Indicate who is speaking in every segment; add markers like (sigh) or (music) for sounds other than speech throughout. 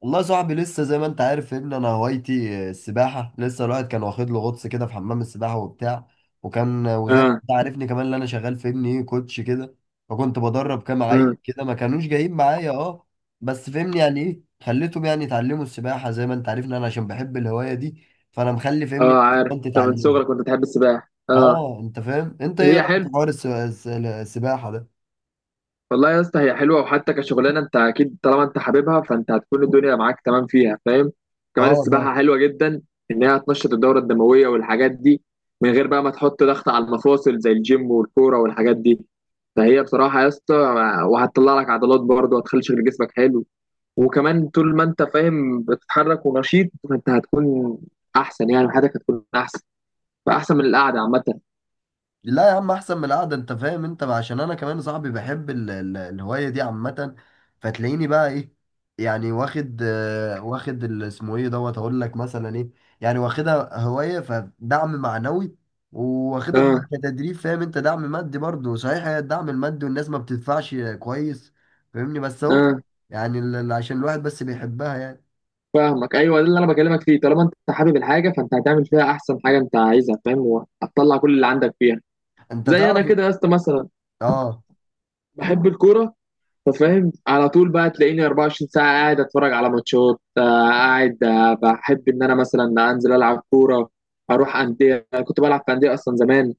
Speaker 1: والله يا صاحبي، لسه زي ما انت عارف يا ابني انا هوايتي السباحه. لسه الواحد كان واخد له غطس كده في حمام السباحه وبتاع. وكان وزي ما
Speaker 2: اه.
Speaker 1: انت عارفني، كمان اللي انا شغال في ابني ايه كوتش كده. فكنت بدرب كام عيل
Speaker 2: امم
Speaker 1: كده ما كانوش جايين معايا، اه. بس فهمني يعني ايه، خليتهم يعني يتعلموا السباحه زي ما انت عارفني، انا عشان بحب الهوايه دي. فانا مخلي
Speaker 2: اه،
Speaker 1: فهمني
Speaker 2: عارف
Speaker 1: انت
Speaker 2: انت من
Speaker 1: تتعلمها.
Speaker 2: صغرك كنت بتحب السباحه. اه،
Speaker 1: اه، انت فاهم؟ انت ايه
Speaker 2: هي
Speaker 1: رايك في
Speaker 2: حلو.
Speaker 1: حوار السباحه ده؟
Speaker 2: والله يا اسطى هي حلوه، وحتى كشغلانه انت اكيد طالما انت حاببها فانت هتكون الدنيا معاك تمام فيها فاهم. كمان
Speaker 1: اه فاهم.
Speaker 2: السباحه حلوه جدا، ان هي هتنشط الدوره الدمويه والحاجات دي، من غير بقى ما تحط ضغط على المفاصل زي الجيم والكوره والحاجات دي. فهي بصراحه يا اسطى، وهتطلع لك عضلات برضه وهتخلي شكل جسمك حلو. وكمان طول ما انت فاهم بتتحرك ونشيط فانت هتكون احسن، يعني حياتك هتكون احسن، فاحسن من القعده عامه.
Speaker 1: لا يا عم، احسن من القعده، انت فاهم؟ انت عشان انا كمان صاحبي بحب الهوايه دي عامه. فتلاقيني بقى ايه، يعني واخد اسمه ايه دوت هقول لك مثلا ايه. يعني واخدها هوايه، فدعم معنوي، واخدها طبعاً
Speaker 2: اه.
Speaker 1: كتدريب فاهم انت، دعم مادي برضه. صحيح هي الدعم المادي والناس ما بتدفعش كويس، فاهمني؟ بس اهو.
Speaker 2: اه،
Speaker 1: يعني عشان الواحد بس بيحبها يعني.
Speaker 2: فاهمك. ايوه ده اللي انا بكلمك فيه، طالما انت حابب الحاجه فانت هتعمل فيها احسن حاجه انت عايزها فاهم، وهتطلع كل اللي عندك فيها.
Speaker 1: انت
Speaker 2: زي انا
Speaker 1: تعرف.
Speaker 2: كده يا اسطى مثلا،
Speaker 1: اه.
Speaker 2: بحب الكوره، ففاهم على طول بقى تلاقيني 24 ساعه قاعد اتفرج على ماتشات، قاعد، بحب ان انا مثلا انزل العب كوره، اروح انديه. أنا كنت بلعب في انديه اصلا زمان،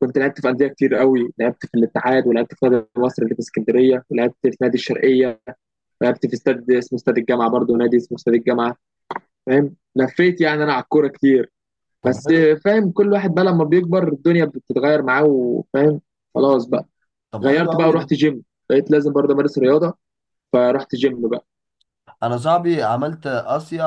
Speaker 2: كنت لعبت في انديه كتير قوي، لعبت في الاتحاد، ولعبت في نادي مصر اللي في اسكندريه، ولعبت في نادي الشرقيه، لعبت في استاد اسمه استاد الجامعه، برضه نادي اسمه استاد الجامعه. فاهم، لفيت يعني انا على الكوره كتير.
Speaker 1: طب
Speaker 2: بس
Speaker 1: حلو.
Speaker 2: فاهم، كل واحد بقى لما بيكبر الدنيا بتتغير معاه، وفاهم خلاص بقى،
Speaker 1: طب حلو
Speaker 2: غيرت بقى
Speaker 1: قوي.
Speaker 2: ورحت جيم، بقيت لازم برضه امارس رياضه، فرحت جيم بقى.
Speaker 1: انا صاحبي عملت اسيا،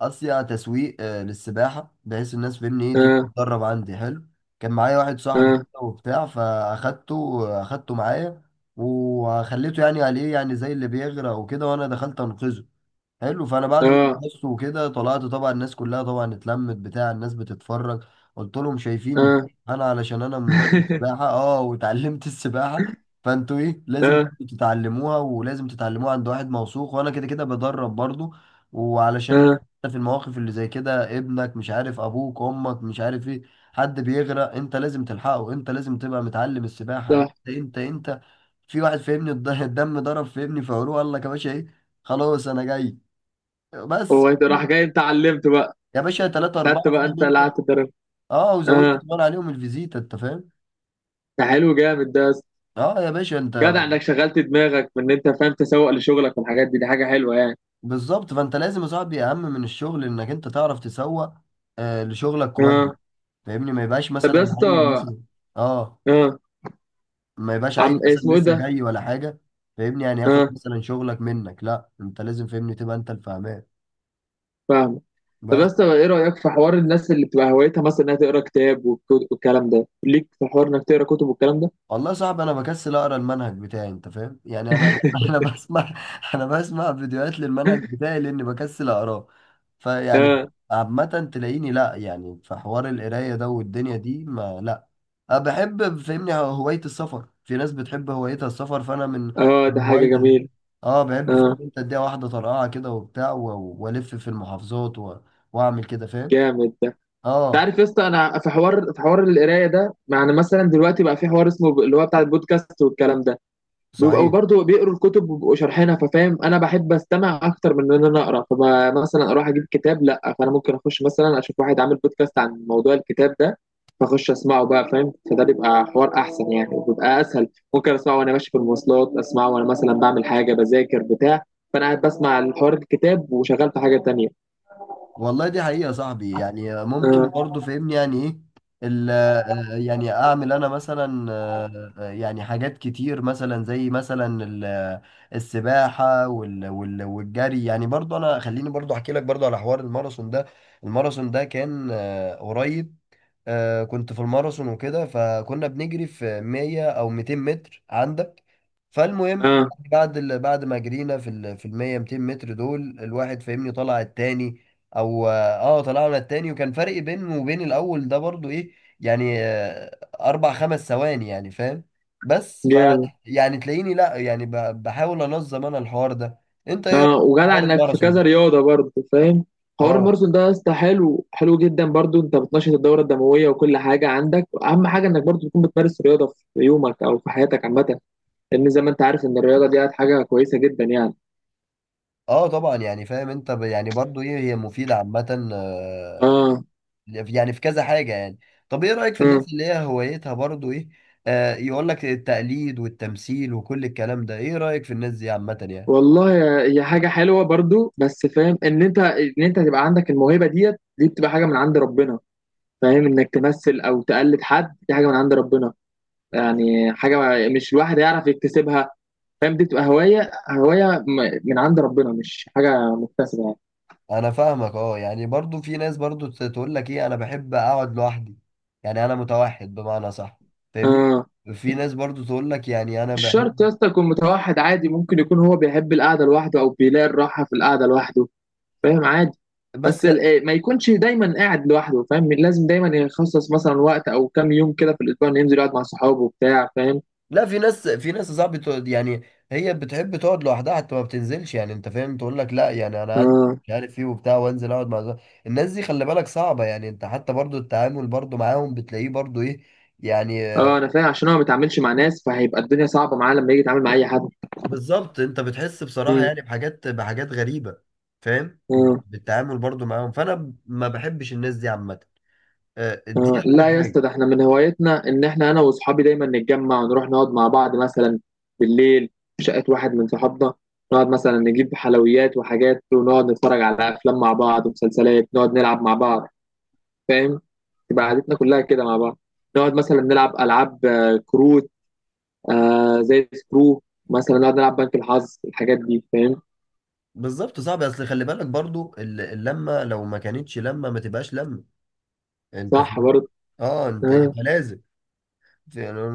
Speaker 1: تسويق للسباحه، بحيث الناس فاهمني ايه تيجي
Speaker 2: اه.
Speaker 1: تتدرب عندي. حلو. كان معايا واحد صاحبي
Speaker 2: اه.
Speaker 1: كده وبتاع، اخدته معايا، وخليته يعني عليه يعني زي اللي بيغرق وكده، وانا دخلت انقذه. حلو. فانا بعد ما
Speaker 2: اه.
Speaker 1: خلصت وكده طلعت، طبعا الناس كلها طبعا اتلمت بتاع، الناس بتتفرج. قلت لهم شايفين،
Speaker 2: اه.
Speaker 1: انا علشان انا مدرب
Speaker 2: (laughs)
Speaker 1: سباحه، اه، وتعلمت (laughs) السباحه. فانتوا ايه، لازم
Speaker 2: اه.
Speaker 1: برضو تتعلموها، ولازم تتعلموها عند واحد موثوق، وانا كده كده بدرب برضو. وعلشان
Speaker 2: اه.
Speaker 1: في المواقف اللي زي كده، ابنك مش عارف، ابوك، امك، مش عارف ايه، حد بيغرق، انت لازم تلحقه، انت لازم تبقى متعلم السباحه،
Speaker 2: صح.
Speaker 1: انت انت انت. في واحد فهمني الدم ضرب في ابني في عروق، قال لك يا باشا ايه. خلاص انا جاي. بس
Speaker 2: هو انت راح جاي انت علمت بقى،
Speaker 1: يا باشا، ثلاثة أربعة
Speaker 2: خدت بقى
Speaker 1: زي
Speaker 2: انت
Speaker 1: ما أنت.
Speaker 2: اللي قعدت تدرب.
Speaker 1: أه، وزودت
Speaker 2: اه.
Speaker 1: كمان عليهم الفيزيتا. أنت فاهم؟
Speaker 2: ده حلو جامد ده يا اسطى.
Speaker 1: أه يا باشا أنت.
Speaker 2: جدع انك شغلت دماغك من ان انت فاهم تسوق لشغلك، والحاجات دي دي حاجه حلوه يعني.
Speaker 1: بالظبط، فأنت لازم يا صاحبي، أهم من الشغل إنك أنت تعرف تسوق لشغلك كويس،
Speaker 2: اه.
Speaker 1: فاهمني؟ ما يبقاش
Speaker 2: طب يا
Speaker 1: مثلا
Speaker 2: اسطى.
Speaker 1: عيل مثلا. أه.
Speaker 2: اه.
Speaker 1: ما يبقاش
Speaker 2: عم
Speaker 1: عيل مثلا
Speaker 2: اسمه ايه
Speaker 1: لسه
Speaker 2: ده.
Speaker 1: جاي ولا حاجة، فاهمني، يعني ياخد
Speaker 2: اه،
Speaker 1: مثلا شغلك منك. لا، أنت لازم فاهمني تبقى أنت الفاهمان.
Speaker 2: فاهم. طب
Speaker 1: بس.
Speaker 2: بس ايه رأيك في حوار الناس اللي بتبقى هوايتها مثلا انها تقرا كتاب، والكلام ده، ليك في حوار انك تقرا كتب والكلام ده؟
Speaker 1: والله صعب، انا بكسل اقرا المنهج بتاعي انت فاهم، يعني (laughs) انا بسمع. انا بسمع فيديوهات للمنهج بتاعي لاني بكسل اقراه. فيعني
Speaker 2: اه.
Speaker 1: عامة تلاقيني، لا يعني في حوار القراية ده والدنيا دي، ما لا. أنا بحب فهمني هواية السفر، في ناس بتحب هوايتها السفر، فأنا من
Speaker 2: اه، ده
Speaker 1: من
Speaker 2: حاجة
Speaker 1: هوايتي ده.
Speaker 2: جميلة.
Speaker 1: اه بحب فاهم
Speaker 2: اه،
Speaker 1: انت، اديها واحدة طرقعة كده وبتاع، والف في المحافظات و... واعمل كده فاهم.
Speaker 2: جامد ده. انت
Speaker 1: اه
Speaker 2: عارف يا اسطى، انا في حوار القرايه ده، يعني مثلا دلوقتي بقى في حوار اسمه اللي هو بتاع البودكاست والكلام ده، بيبقوا
Speaker 1: صحيح.
Speaker 2: برضه بيقروا الكتب وبيبقوا شارحينها، ففاهم انا بحب استمع اكتر من ان انا اقرا، فمثلا اروح اجيب كتاب لا، فانا ممكن اخش مثلا اشوف واحد عامل بودكاست عن موضوع الكتاب ده، فاخش اسمعه بقى فاهم. فده بيبقى حوار احسن يعني، وبيبقى اسهل، ممكن اسمعه وانا ماشي في المواصلات، اسمعه وانا مثلا بعمل حاجه، بذاكر بتاع، فانا قاعد بسمع الحوار الكتاب وشغال في حاجه تانية.
Speaker 1: والله دي حقيقة يا صاحبي. يعني ممكن
Speaker 2: اه.
Speaker 1: برضو فهمني يعني ايه يعني اعمل انا مثلا، يعني حاجات كتير مثلا، زي مثلا السباحة والجري، يعني برضو انا خليني برضو احكي لك برضو على حوار الماراثون ده. الماراثون ده كان قريب. كنت في الماراثون وكده، فكنا بنجري في 100 او 200 متر عندك. فالمهم
Speaker 2: اه،
Speaker 1: بعد ما جرينا في ال 100 200 متر دول، الواحد فاهمني طلع التاني، او اه طلعنا التاني، وكان فرق بينه وبين الاول ده برضو ايه، يعني اربع خمس ثواني يعني فاهم. بس ف
Speaker 2: جامد.
Speaker 1: يعني تلاقيني لا، يعني بحاول انظم انا الحوار ده. انت ايه رأيك
Speaker 2: اه،
Speaker 1: في
Speaker 2: وجدع
Speaker 1: حوار
Speaker 2: انك في
Speaker 1: الماراثون ده؟
Speaker 2: كذا رياضه برضه فاهم. حوار
Speaker 1: اه.
Speaker 2: الماراثون ده يا اسطى حلو، حلو جدا برضه، انت بتنشط الدوره الدمويه وكل حاجه، عندك اهم حاجه انك برضه تكون بتمارس رياضه في يومك او في حياتك عامه، لان زي ما انت عارف ان الرياضه دي حاجه كويسه جدا يعني.
Speaker 1: اه طبعا، يعني فاهم انت، يعني برضو ايه، هي مفيدة عامة،
Speaker 2: اه.
Speaker 1: يعني في كذا حاجة يعني. طب ايه رأيك في الناس
Speaker 2: اه.
Speaker 1: اللي هي هوايتها برضو ايه، آه، يقول لك التقليد والتمثيل وكل الكلام ده، ايه رأيك في الناس دي عامة يعني؟
Speaker 2: والله يا، هي حاجه حلوه برضه، بس فاهم ان انت تبقى عندك الموهبه ديت دي، بتبقى حاجه من عند ربنا، فاهم انك تمثل او تقلد حد دي حاجه من عند ربنا، يعني حاجه مش الواحد يعرف يكتسبها. فاهم دي بتبقى هوايه، من عند ربنا، مش حاجه مكتسبه يعني.
Speaker 1: انا فاهمك. اه يعني برضو في ناس برضو تقول لك ايه انا بحب اقعد لوحدي، يعني انا متوحد بمعنى صح، فاهمني؟
Speaker 2: اه.
Speaker 1: في ناس برضو تقول لك يعني انا
Speaker 2: مش شرط يا
Speaker 1: بحب.
Speaker 2: اسطى يكون متوحد، عادي ممكن يكون هو بيحب القعده لوحده، او بيلاقي الراحه في القعده لوحده، فاهم عادي. بس
Speaker 1: بس
Speaker 2: ال- إيه، ما يكونش دايما قاعد لوحده، فاهم لازم دايما يخصص مثلا وقت او كام يوم كده في الاسبوع انه ينزل يقعد مع صحابه وبتاع فاهم.
Speaker 1: لا، في ناس صعب تقعد، يعني هي بتحب تقعد لوحدها حتى ما بتنزلش، يعني انت فاهم، تقول لك لا يعني انا عندي
Speaker 2: اه.
Speaker 1: مش عارف ايه وبتاع، وانزل اقعد مع زمايلي. الناس دي خلي بالك صعبة، يعني انت حتى برضو التعامل برضو معاهم بتلاقيه برضو ايه، يعني
Speaker 2: اه، انا فاهم، عشان هو ما بيتعاملش مع ناس، فهيبقى الدنيا صعبه معاه لما يجي يتعامل مع اي حد.
Speaker 1: بالظبط. انت بتحس بصراحة
Speaker 2: مم.
Speaker 1: يعني بحاجات، بحاجات غريبة، فاهم،
Speaker 2: مم.
Speaker 1: بالتعامل برضو معاهم. فانا ما بحبش الناس دي عامة، دي
Speaker 2: آه،
Speaker 1: اول
Speaker 2: لا يا اسطى،
Speaker 1: حاجة.
Speaker 2: ده احنا من هوايتنا ان احنا انا واصحابي دايما نتجمع ونروح نقعد مع بعض، مثلا بالليل في شقه واحد من صحابنا، نقعد مثلا نجيب حلويات وحاجات، ونقعد نتفرج على افلام مع بعض ومسلسلات، نقعد نلعب مع بعض فاهم، تبقى قعدتنا كلها كده مع بعض، نقعد مثلا نلعب العاب كروت، آه زي سكرو، مثلا نقعد نلعب بنك الحظ، الحاجات دي فاهم.
Speaker 1: بالظبط، صعب، اصل خلي بالك برضو اللمة، لو ما كانتش لمة ما تبقاش لمة، انت
Speaker 2: صح
Speaker 1: فاهم؟
Speaker 2: برضه.
Speaker 1: اه انت
Speaker 2: آه.
Speaker 1: فلازم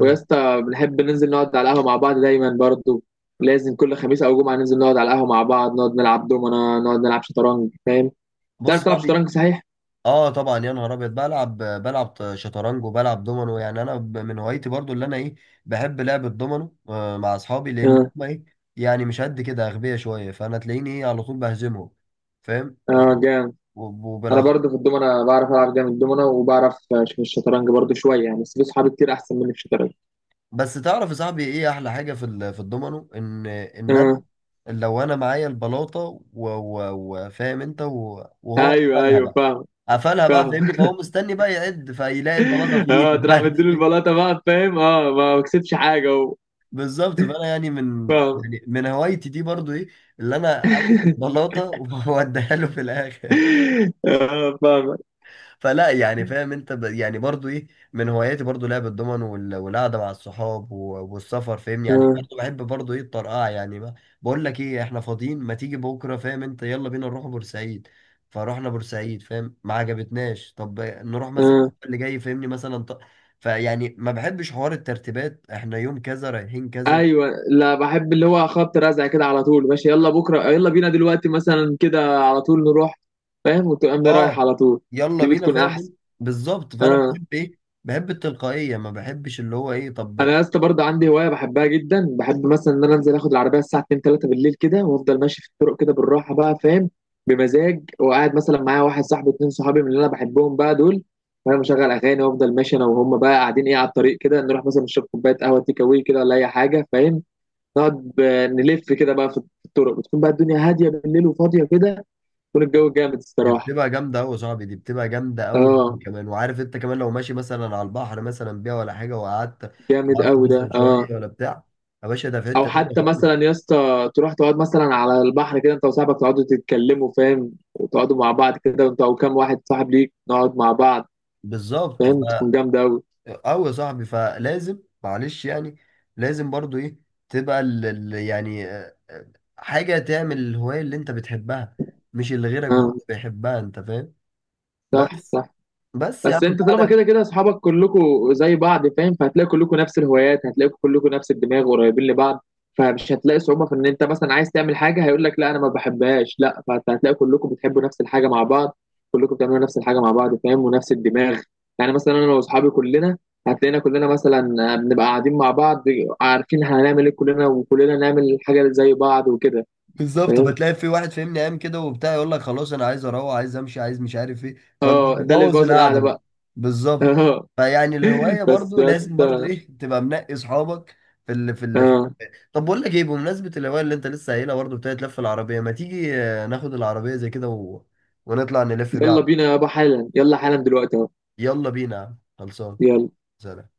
Speaker 2: ويا اسطى بنحب ننزل نقعد على القهوة مع بعض دايما برضو، لازم كل خميس أو جمعة ننزل نقعد على القهوة مع بعض، نقعد نلعب دومنا، نقعد نلعب شطرنج فاهم.
Speaker 1: بص
Speaker 2: تعرف تلعب
Speaker 1: صاحبي،
Speaker 2: شطرنج صحيح؟
Speaker 1: اه طبعا يا نهار ابيض، بلعب شطرنج وبلعب دومينو، يعني انا من هوايتي برضو اللي انا ايه، بحب لعب الدومينو، آه، مع اصحابي لان
Speaker 2: اه.
Speaker 1: هم ايه يعني مش قد كده، اغبياء شويه، فانا تلاقيني ايه على طول بهزمهم فاهم،
Speaker 2: اه، جامد.
Speaker 1: وب-
Speaker 2: أنا
Speaker 1: وبالاخر.
Speaker 2: برضو في الدومنا بعرف ألعب جامد دومنا، وبعرف في الشطرنج برضو شوية يعني، بس في صحابي كتير أحسن مني في الشطرنج.
Speaker 1: بس تعرف يا صاحبي ايه احلى حاجه في الدومينو؟ ان ان انا
Speaker 2: اه.
Speaker 1: لو انا معايا البلاطه و- و- وفاهم انت، و- وهو
Speaker 2: أيوه أيوه فاهم.
Speaker 1: قفلها بقى،
Speaker 2: فاهم
Speaker 1: فاهمني،
Speaker 2: (laughs)
Speaker 1: فهو مستني بقى يعد، فيلاقي البلاطه في
Speaker 2: اه تروح مديله
Speaker 1: ايدي (laughs)
Speaker 2: البلاطة بقى فاهم، اه ما كسبش حاجة و.
Speaker 1: بالظبط، فانا يعني
Speaker 2: فاهم
Speaker 1: من هوايتي دي برضو ايه، اللي انا اخد البلاطه (laughs) واديها له في الاخر.
Speaker 2: (laughs) اه، فاهم.
Speaker 1: فلا يعني فاهم انت، يعني برضو ايه، من هواياتي برضو لعب الضمن والقعده مع الصحاب و... والسفر فاهم، يعني
Speaker 2: اه.
Speaker 1: برضو بحب برضو ايه الطرقعه، يعني ما... بقول لك ايه، احنا فاضيين، ما تيجي بكره فاهم انت، يلا بينا نروح بورسعيد. فروحنا بورسعيد فاهم، ما عجبتناش. طب نروح مثلا
Speaker 2: آه.
Speaker 1: اللي جاي فاهمني مثلا فيعني ما بحبش حوار الترتيبات احنا يوم كذا رايحين كذا.
Speaker 2: ايوه، لا بحب اللي هو خبط رزع كده على طول، ماشي، يلا بكره، يلا بينا دلوقتي مثلا كده على طول نروح فاهم، وتقوم رايح
Speaker 1: اه.
Speaker 2: على طول.
Speaker 1: يلا
Speaker 2: دي
Speaker 1: بينا
Speaker 2: بتكون
Speaker 1: فاهم
Speaker 2: احسن.
Speaker 1: انت؟ بالظبط، فانا
Speaker 2: اه.
Speaker 1: بحب ايه، بحب التلقائيه، ما بحبش اللي هو ايه.
Speaker 2: انا
Speaker 1: طب
Speaker 2: يا اسطى برضه عندي هوايه بحبها جدا، بحب مثلا ان انا انزل اخد العربيه الساعه 2 3 بالليل كده، وافضل ماشي في الطرق كده بالراحه بقى فاهم، بمزاج، وقاعد مثلا معايا واحد صاحبي، اتنين صحابي من اللي انا بحبهم بقى دول، فانا مشغل اغاني، وافضل ماشي انا وهم بقى قاعدين ايه على الطريق كده، نروح مثلا نشرب كوبايه قهوه تيك أواي كده ولا اي حاجه فاهم، نقعد نلف كده بقى في الطرق، بتكون بقى الدنيا هاديه بالليل وفاضيه كده، يكون الجو جامد
Speaker 1: دي
Speaker 2: الصراحه.
Speaker 1: بتبقى جامده قوي يا صاحبي، دي بتبقى جامده قوي.
Speaker 2: اه،
Speaker 1: كمان، وعارف انت كمان، لو ماشي مثلا على البحر مثلا بيها ولا حاجه، وقعدت،
Speaker 2: جامد
Speaker 1: وقفت
Speaker 2: قوي ده.
Speaker 1: مثلا
Speaker 2: اه.
Speaker 1: شويه ولا بتاع، يا باشا ده في
Speaker 2: او
Speaker 1: حته تانيه
Speaker 2: حتى
Speaker 1: خالص.
Speaker 2: مثلا يا اسطى تروح تقعد مثلا على البحر كده انت وصاحبك، تقعدوا تتكلموا فاهم، وتقعدوا مع بعض كده، وانت او كام واحد صاحب ليك نقعد مع بعض
Speaker 1: بالظبط ف،
Speaker 2: فاهم، تكون جامده قوي.
Speaker 1: قوي يا صاحبي، فلازم معلش يعني، لازم برضو ايه تبقى حاجه تعمل الهوايه اللي انت بتحبها، مش اللي غيرك
Speaker 2: اه.
Speaker 1: برضه بيحبها، انت فاهم؟
Speaker 2: صح
Speaker 1: بس.
Speaker 2: صح.
Speaker 1: بس يا
Speaker 2: بس
Speaker 1: عم
Speaker 2: انت طالما
Speaker 1: انا
Speaker 2: كده كده اصحابك كلكم زي بعض فاهم، فهتلاقي كلكم نفس الهوايات، هتلاقي كلكم نفس الدماغ قريبين لبعض، فمش هتلاقي صعوبة في ان انت مثلا عايز تعمل حاجة هيقول لك لا انا ما بحبهاش لا، فانت هتلاقي كلكم بتحبوا نفس الحاجة مع بعض، كلكم بتعملوا نفس الحاجة مع بعض فاهم، ونفس الدماغ. يعني مثلا انا واصحابي كلنا، هتلاقينا كلنا مثلا بنبقى قاعدين مع بعض، عارفين هنعمل ايه كلنا، وكلنا نعمل حاجة زي بعض وكده.
Speaker 1: بالظبط،
Speaker 2: فاهم.
Speaker 1: بتلاقي في واحد فاهمني قام كده وبتاع يقول لك خلاص انا عايز اروح، عايز امشي، عايز مش عارف ايه،
Speaker 2: اه، ده اللي
Speaker 1: فبتبوظ
Speaker 2: بيبوظ
Speaker 1: القعده
Speaker 2: القعدة
Speaker 1: بقى.
Speaker 2: بقى. (laughs)
Speaker 1: بالظبط.
Speaker 2: اه.
Speaker 1: فيعني الهوايه
Speaker 2: بس
Speaker 1: برضو
Speaker 2: يا
Speaker 1: لازم برضو
Speaker 2: اسطى.
Speaker 1: ايه تبقى منقي اصحابك في ال في ال
Speaker 2: اه.
Speaker 1: طب بقول لك ايه، بمناسبه الهوايه اللي انت لسه قايلها برضو بتاعت لف العربيه، ما تيجي ناخد العربيه زي كده و... ونطلع نلف بيها
Speaker 2: يلا
Speaker 1: على
Speaker 2: بينا يابا حالا، يلا حالا دلوقتي اهو،
Speaker 1: يلا بينا يا عم. خلصان.
Speaker 2: يلا.
Speaker 1: سلام.